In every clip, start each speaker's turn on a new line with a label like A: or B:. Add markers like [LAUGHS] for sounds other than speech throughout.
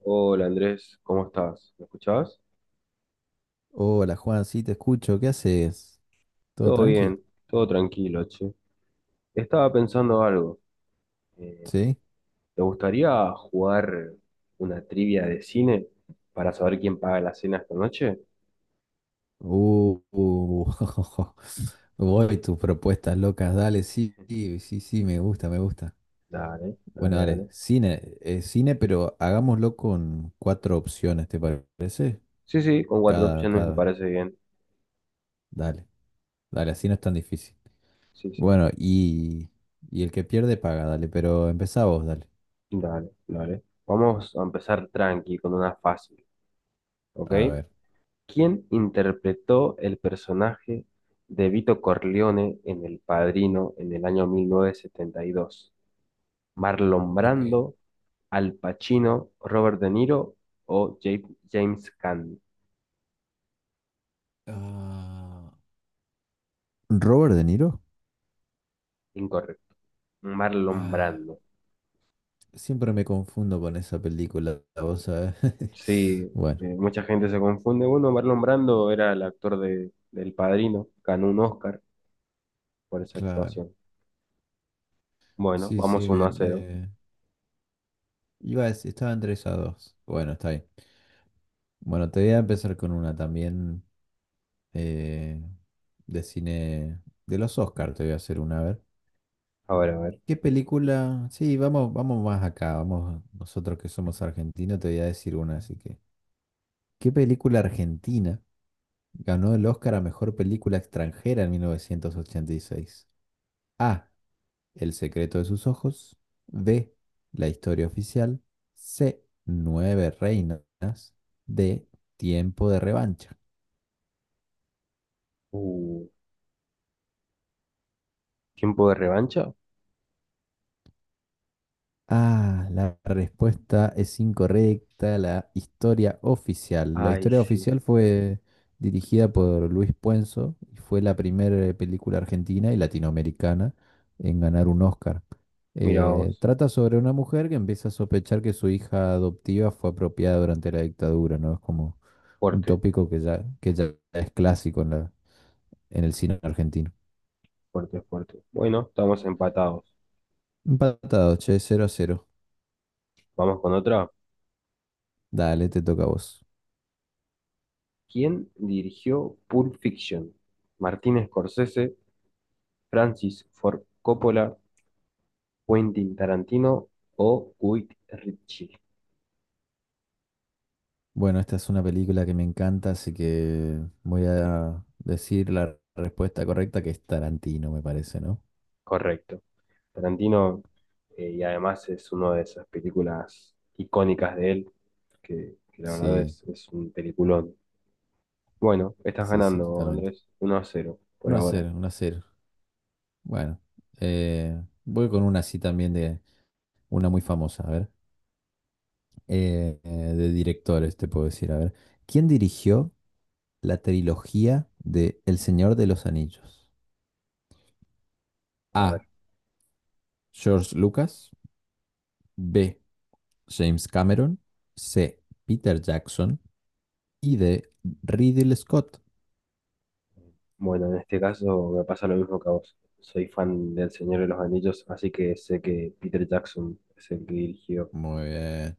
A: Hola Andrés, ¿cómo estás? ¿Me escuchás?
B: Hola Juan, sí te escucho, ¿qué haces? ¿Todo
A: Todo
B: tranqui?
A: bien, todo tranquilo, che. Estaba pensando algo. Eh,
B: ¿Sí?
A: ¿Te gustaría jugar una trivia de cine para saber quién paga la cena esta noche?
B: Uh, uh, [LAUGHS] voy tus propuestas locas, dale, sí, sí, sí, sí, me gusta, me gusta.
A: Dale,
B: Bueno,
A: dale,
B: dale,
A: dale.
B: cine, pero hagámoslo con cuatro opciones, ¿te parece?
A: Sí, sí, con cuatro
B: Cada,
A: opciones me
B: cada,
A: parece bien.
B: dale, dale, así no es tan difícil.
A: Sí, sí,
B: Bueno, y el que pierde paga, dale, pero empezá vos, dale.
A: dale, dale. Vamos a empezar tranqui con una fácil, ¿ok?
B: A ver.
A: ¿Quién interpretó el personaje de Vito Corleone en El Padrino en el año 1972? Marlon
B: Ok.
A: Brando, Al Pacino, Robert De Niro o James Caan.
B: Ah, ¿Robert De Niro?
A: Incorrecto. Marlon
B: Ah,
A: Brando.
B: siempre me confundo con esa película, vos sabés.
A: Sí,
B: [LAUGHS] Bueno,
A: mucha gente se confunde. Bueno, Marlon Brando era el actor de, del Padrino. Ganó un Oscar por esa
B: claro.
A: actuación. Bueno,
B: Sí,
A: vamos
B: sí,
A: uno a cero.
B: iba a decir, estaba entre esas dos. Bueno, está bien. Bueno, te voy a empezar con una también, eh, de cine de los Oscars, te voy a hacer una, a ver.
A: A ver, a ver.
B: ¿Qué película? Sí, vamos, vamos más acá, vamos, nosotros que somos argentinos, te voy a decir una, así que. ¿Qué película argentina ganó el Oscar a mejor película extranjera en 1986? A. El secreto de sus ojos. B. La historia oficial. C. Nueve reinas. D. Tiempo de revancha.
A: Uh, ¿Tiempo de revancha?
B: Ah, la respuesta es incorrecta. La historia oficial. La
A: Ay,
B: historia
A: sí.
B: oficial fue dirigida por Luis Puenzo y fue la primera película argentina y latinoamericana en ganar un Oscar.
A: Mira vos.
B: Trata sobre una mujer que empieza a sospechar que su hija adoptiva fue apropiada durante la dictadura, ¿no? Es como un
A: Fuerte,
B: tópico que ya es clásico en el cine argentino.
A: fuerte, fuerte. Bueno, estamos empatados.
B: Empatado, che, 0-0.
A: Vamos con otra.
B: Dale, te toca a vos.
A: ¿Quién dirigió Pulp Fiction? ¿Martin Scorsese, Francis Ford Coppola, Quentin Tarantino o Guy Ritchie?
B: Bueno, esta es una película que me encanta, así que voy a decir la respuesta correcta, que es Tarantino, me parece, ¿no?
A: Correcto. Tarantino, y además es una de esas películas icónicas de él, que la verdad
B: Sí,
A: es un peliculón. Bueno, estás
B: sí, sí,
A: ganando,
B: totalmente.
A: Andrés, uno a cero por
B: 1 a
A: ahora.
B: 0, 1 a 0. Bueno, voy con una así también de una muy famosa, a ver. Eh, eh, de directores, te puedo decir, a ver. ¿Quién dirigió la trilogía de El Señor de los Anillos?
A: A ver,
B: A. George Lucas. B. James Cameron. C. Peter Jackson. Y de Ridley Scott.
A: bueno, en este caso me pasa lo mismo que a vos. Soy fan del Señor de los Anillos, así que sé que Peter Jackson es el que dirigió.
B: Muy bien.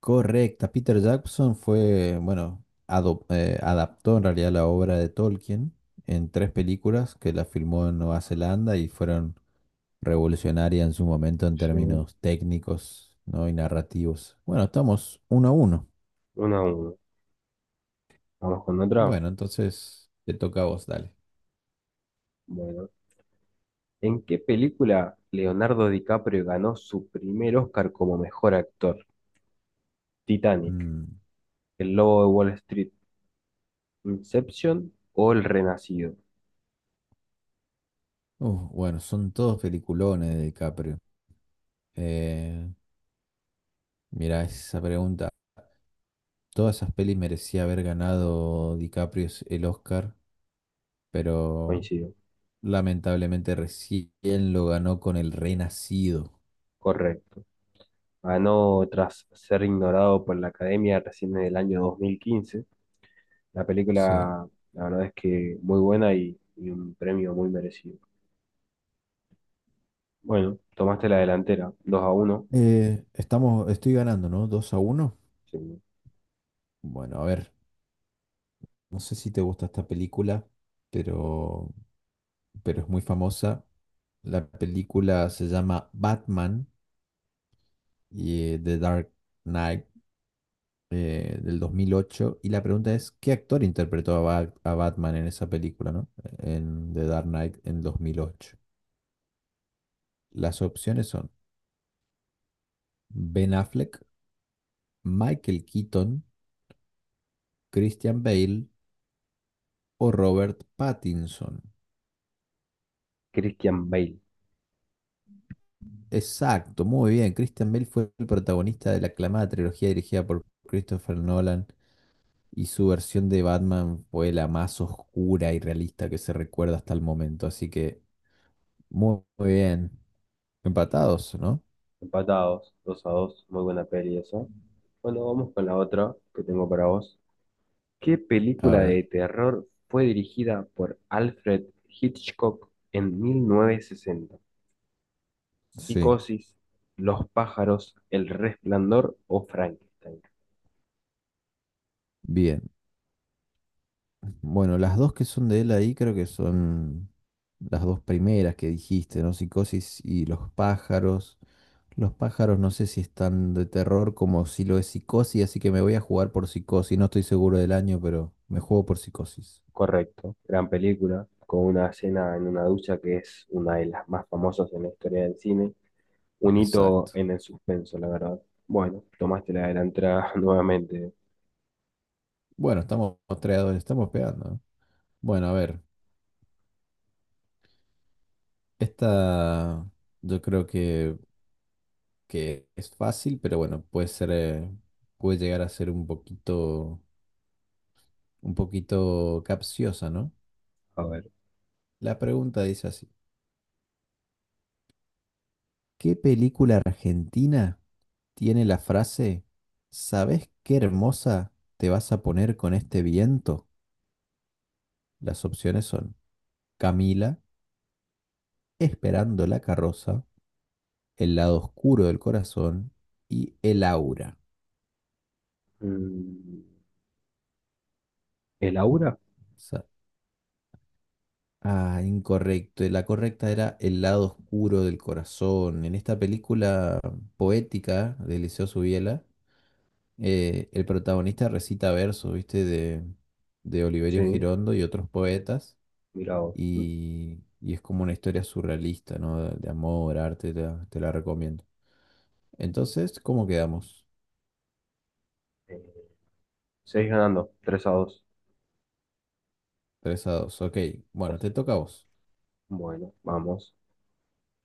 B: Correcta. Peter Jackson fue, bueno, adaptó en realidad la obra de Tolkien en tres películas que la filmó en Nueva Zelanda y fueron revolucionarias en su momento en
A: Sí,
B: términos técnicos, ¿no?, y narrativos. Bueno, estamos 1-1.
A: una a uno. Vamos con otra.
B: Bueno, entonces te toca a vos, dale.
A: Bueno, ¿en qué película Leonardo DiCaprio ganó su primer Oscar como mejor actor? Titanic,
B: Mm.
A: El Lobo de Wall Street, Inception o El Renacido.
B: Uf, bueno, son todos peliculones de DiCaprio. Eh, Mira, esa pregunta todas esas pelis merecía haber ganado DiCaprio el Oscar, pero
A: Coincido.
B: lamentablemente recién lo ganó con El Renacido.
A: Correcto. Ganó tras ser ignorado por la Academia recién en el año 2015. La
B: Sí.
A: película, la verdad es que muy buena y un premio muy merecido. Bueno, tomaste la delantera, 2 a uno.
B: Estoy ganando, ¿no? 2-1.
A: Sí.
B: Bueno, a ver, no sé si te gusta esta película, pero, pero es muy famosa. La película se llama Batman y The Dark Knight, del 2008. Y la pregunta es, ¿qué actor interpretó a Batman en esa película, ¿no? En The Dark Knight, en 2008. Las opciones son Ben Affleck, Michael Keaton, Christian Bale o Robert Pattinson.
A: Christian Bale.
B: Exacto, muy bien. Christian Bale fue el protagonista de la aclamada trilogía dirigida por Christopher Nolan, y su versión de Batman fue la más oscura y realista que se recuerda hasta el momento. Así que muy, muy bien. Empatados, ¿no?
A: Empatados, 2 a 2. Muy buena peli esa. Bueno, vamos con la otra que tengo para vos. ¿Qué
B: A
A: película
B: ver.
A: de terror fue dirigida por Alfred Hitchcock en 1960?
B: Sí,
A: ¿Psicosis, Los pájaros, El resplandor o Frankenstein?
B: bien. Bueno, las dos que son de él ahí creo que son las dos primeras que dijiste, ¿no? Psicosis y Los pájaros. Los pájaros no sé si están de terror como si lo es Psicosis, así que me voy a jugar por Psicosis. No estoy seguro del año, pero me juego por Psicosis.
A: Correcto, gran película, con una escena en una ducha que es una de las más famosas en la historia del cine. Un hito
B: Exacto.
A: en el suspenso, la verdad. Bueno, tomaste la delantera [LAUGHS] nuevamente.
B: Bueno, estamos tres, estamos pegando, ¿no? Bueno, a ver, esta yo creo que es fácil, pero bueno, puede ser, puede llegar a ser un poquito capciosa, ¿no?
A: A ver.
B: La pregunta dice así: ¿qué película argentina tiene la frase, ¿sabés qué hermosa te vas a poner con este viento? Las opciones son Camila, Esperando la carroza, El lado oscuro del corazón y El aura.
A: Mm, ¿El Aura?
B: Sa- Ah, incorrecto. La correcta era El lado oscuro del corazón. En esta película poética de Eliseo Subiela, el protagonista recita versos, ¿viste? De Oliverio
A: Sí,
B: Girondo y otros poetas,
A: mira vos.
B: y es como una historia surrealista, ¿no? De amor, arte, te la recomiendo. Entonces, ¿cómo quedamos?
A: Eh, seis ganando, 3 a 2.
B: 3-2, ok. Bueno, te toca a vos.
A: Bueno, vamos.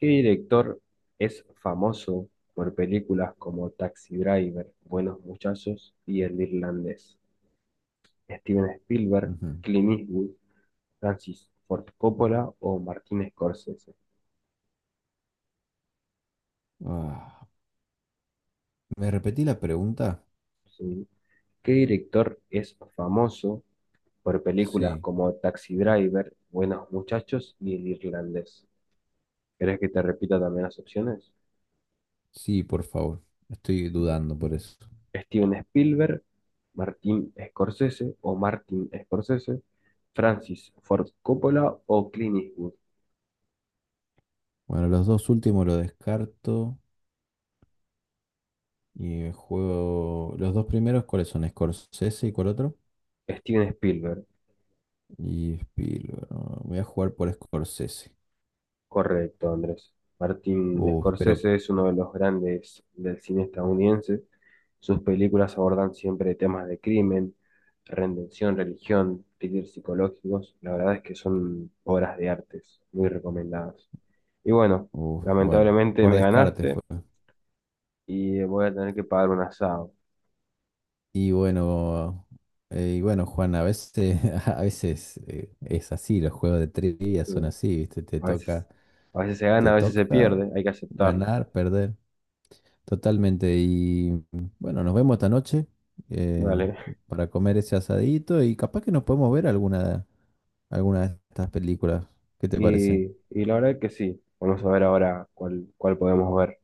A: ¿Qué director es famoso por películas como Taxi Driver, Buenos Muchachos y El Irlandés? ¿Steven Spielberg,
B: Ujú.
A: Clint Eastwood, Francis Ford Coppola o Martin Scorsese?
B: Ah, ¿me repetí la pregunta?
A: Sí. ¿Qué director es famoso por películas
B: Sí,
A: como Taxi Driver, Buenos Muchachos y El Irlandés? ¿Querés que te repita también las opciones?
B: sí, por favor. Estoy dudando por eso.
A: Steven Spielberg, Martin Scorsese o Martin Scorsese, Francis Ford Coppola o Clint Eastwood.
B: Bueno, los dos últimos los descarto. Y juego. Los dos primeros, ¿cuáles son? Scorsese y ¿cuál otro?
A: Steven Spielberg,
B: Y Spielberg. Voy a jugar por Scorsese.
A: correcto, Andrés. Martin
B: Uf, pero
A: Scorsese es uno de los grandes del cine estadounidense. Sus películas abordan siempre temas de crimen, redención, religión, thrillers psicológicos. La verdad es que son obras de artes muy recomendadas. Y bueno,
B: uf, bueno,
A: lamentablemente
B: por
A: me
B: descarte
A: ganaste
B: fue.
A: y voy a tener que pagar un asado.
B: Y bueno, Juan, a veces, [LAUGHS] a veces es así, los juegos de trivia son
A: Sí.
B: así, ¿viste? Te
A: A veces,
B: toca,
A: a veces se
B: te
A: gana, a veces se
B: toca
A: pierde, hay que aceptarlo.
B: ganar, perder. Totalmente. Y bueno, nos vemos esta noche, eh,
A: Vale. [LAUGHS]
B: para comer ese asadito y capaz que nos podemos ver alguna de estas películas. ¿Qué te parece?
A: Y, y la verdad es que sí. Vamos a ver ahora cuál, cuál podemos ver.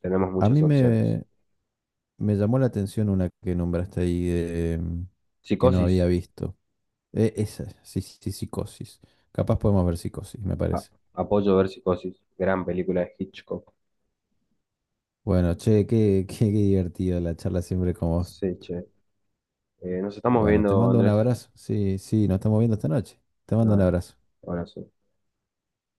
A: Tenemos
B: A
A: muchas
B: mí
A: opciones.
B: me, Me llamó la atención una que nombraste ahí que no había
A: Psicosis.
B: visto. Esa, sí, sí, Psicosis. Capaz podemos ver Psicosis, me
A: A-
B: parece.
A: apoyo ver Psicosis. Gran película de Hitchcock.
B: Bueno, che, qué, [LAUGHS] qué divertido la charla siempre con vos.
A: Sí, che. Nos estamos
B: Bueno, te
A: viendo,
B: mando un
A: Andrés.
B: abrazo. Sí, sí, nos estamos viendo esta noche. Te mando un
A: Dale.
B: abrazo.
A: Abrazo.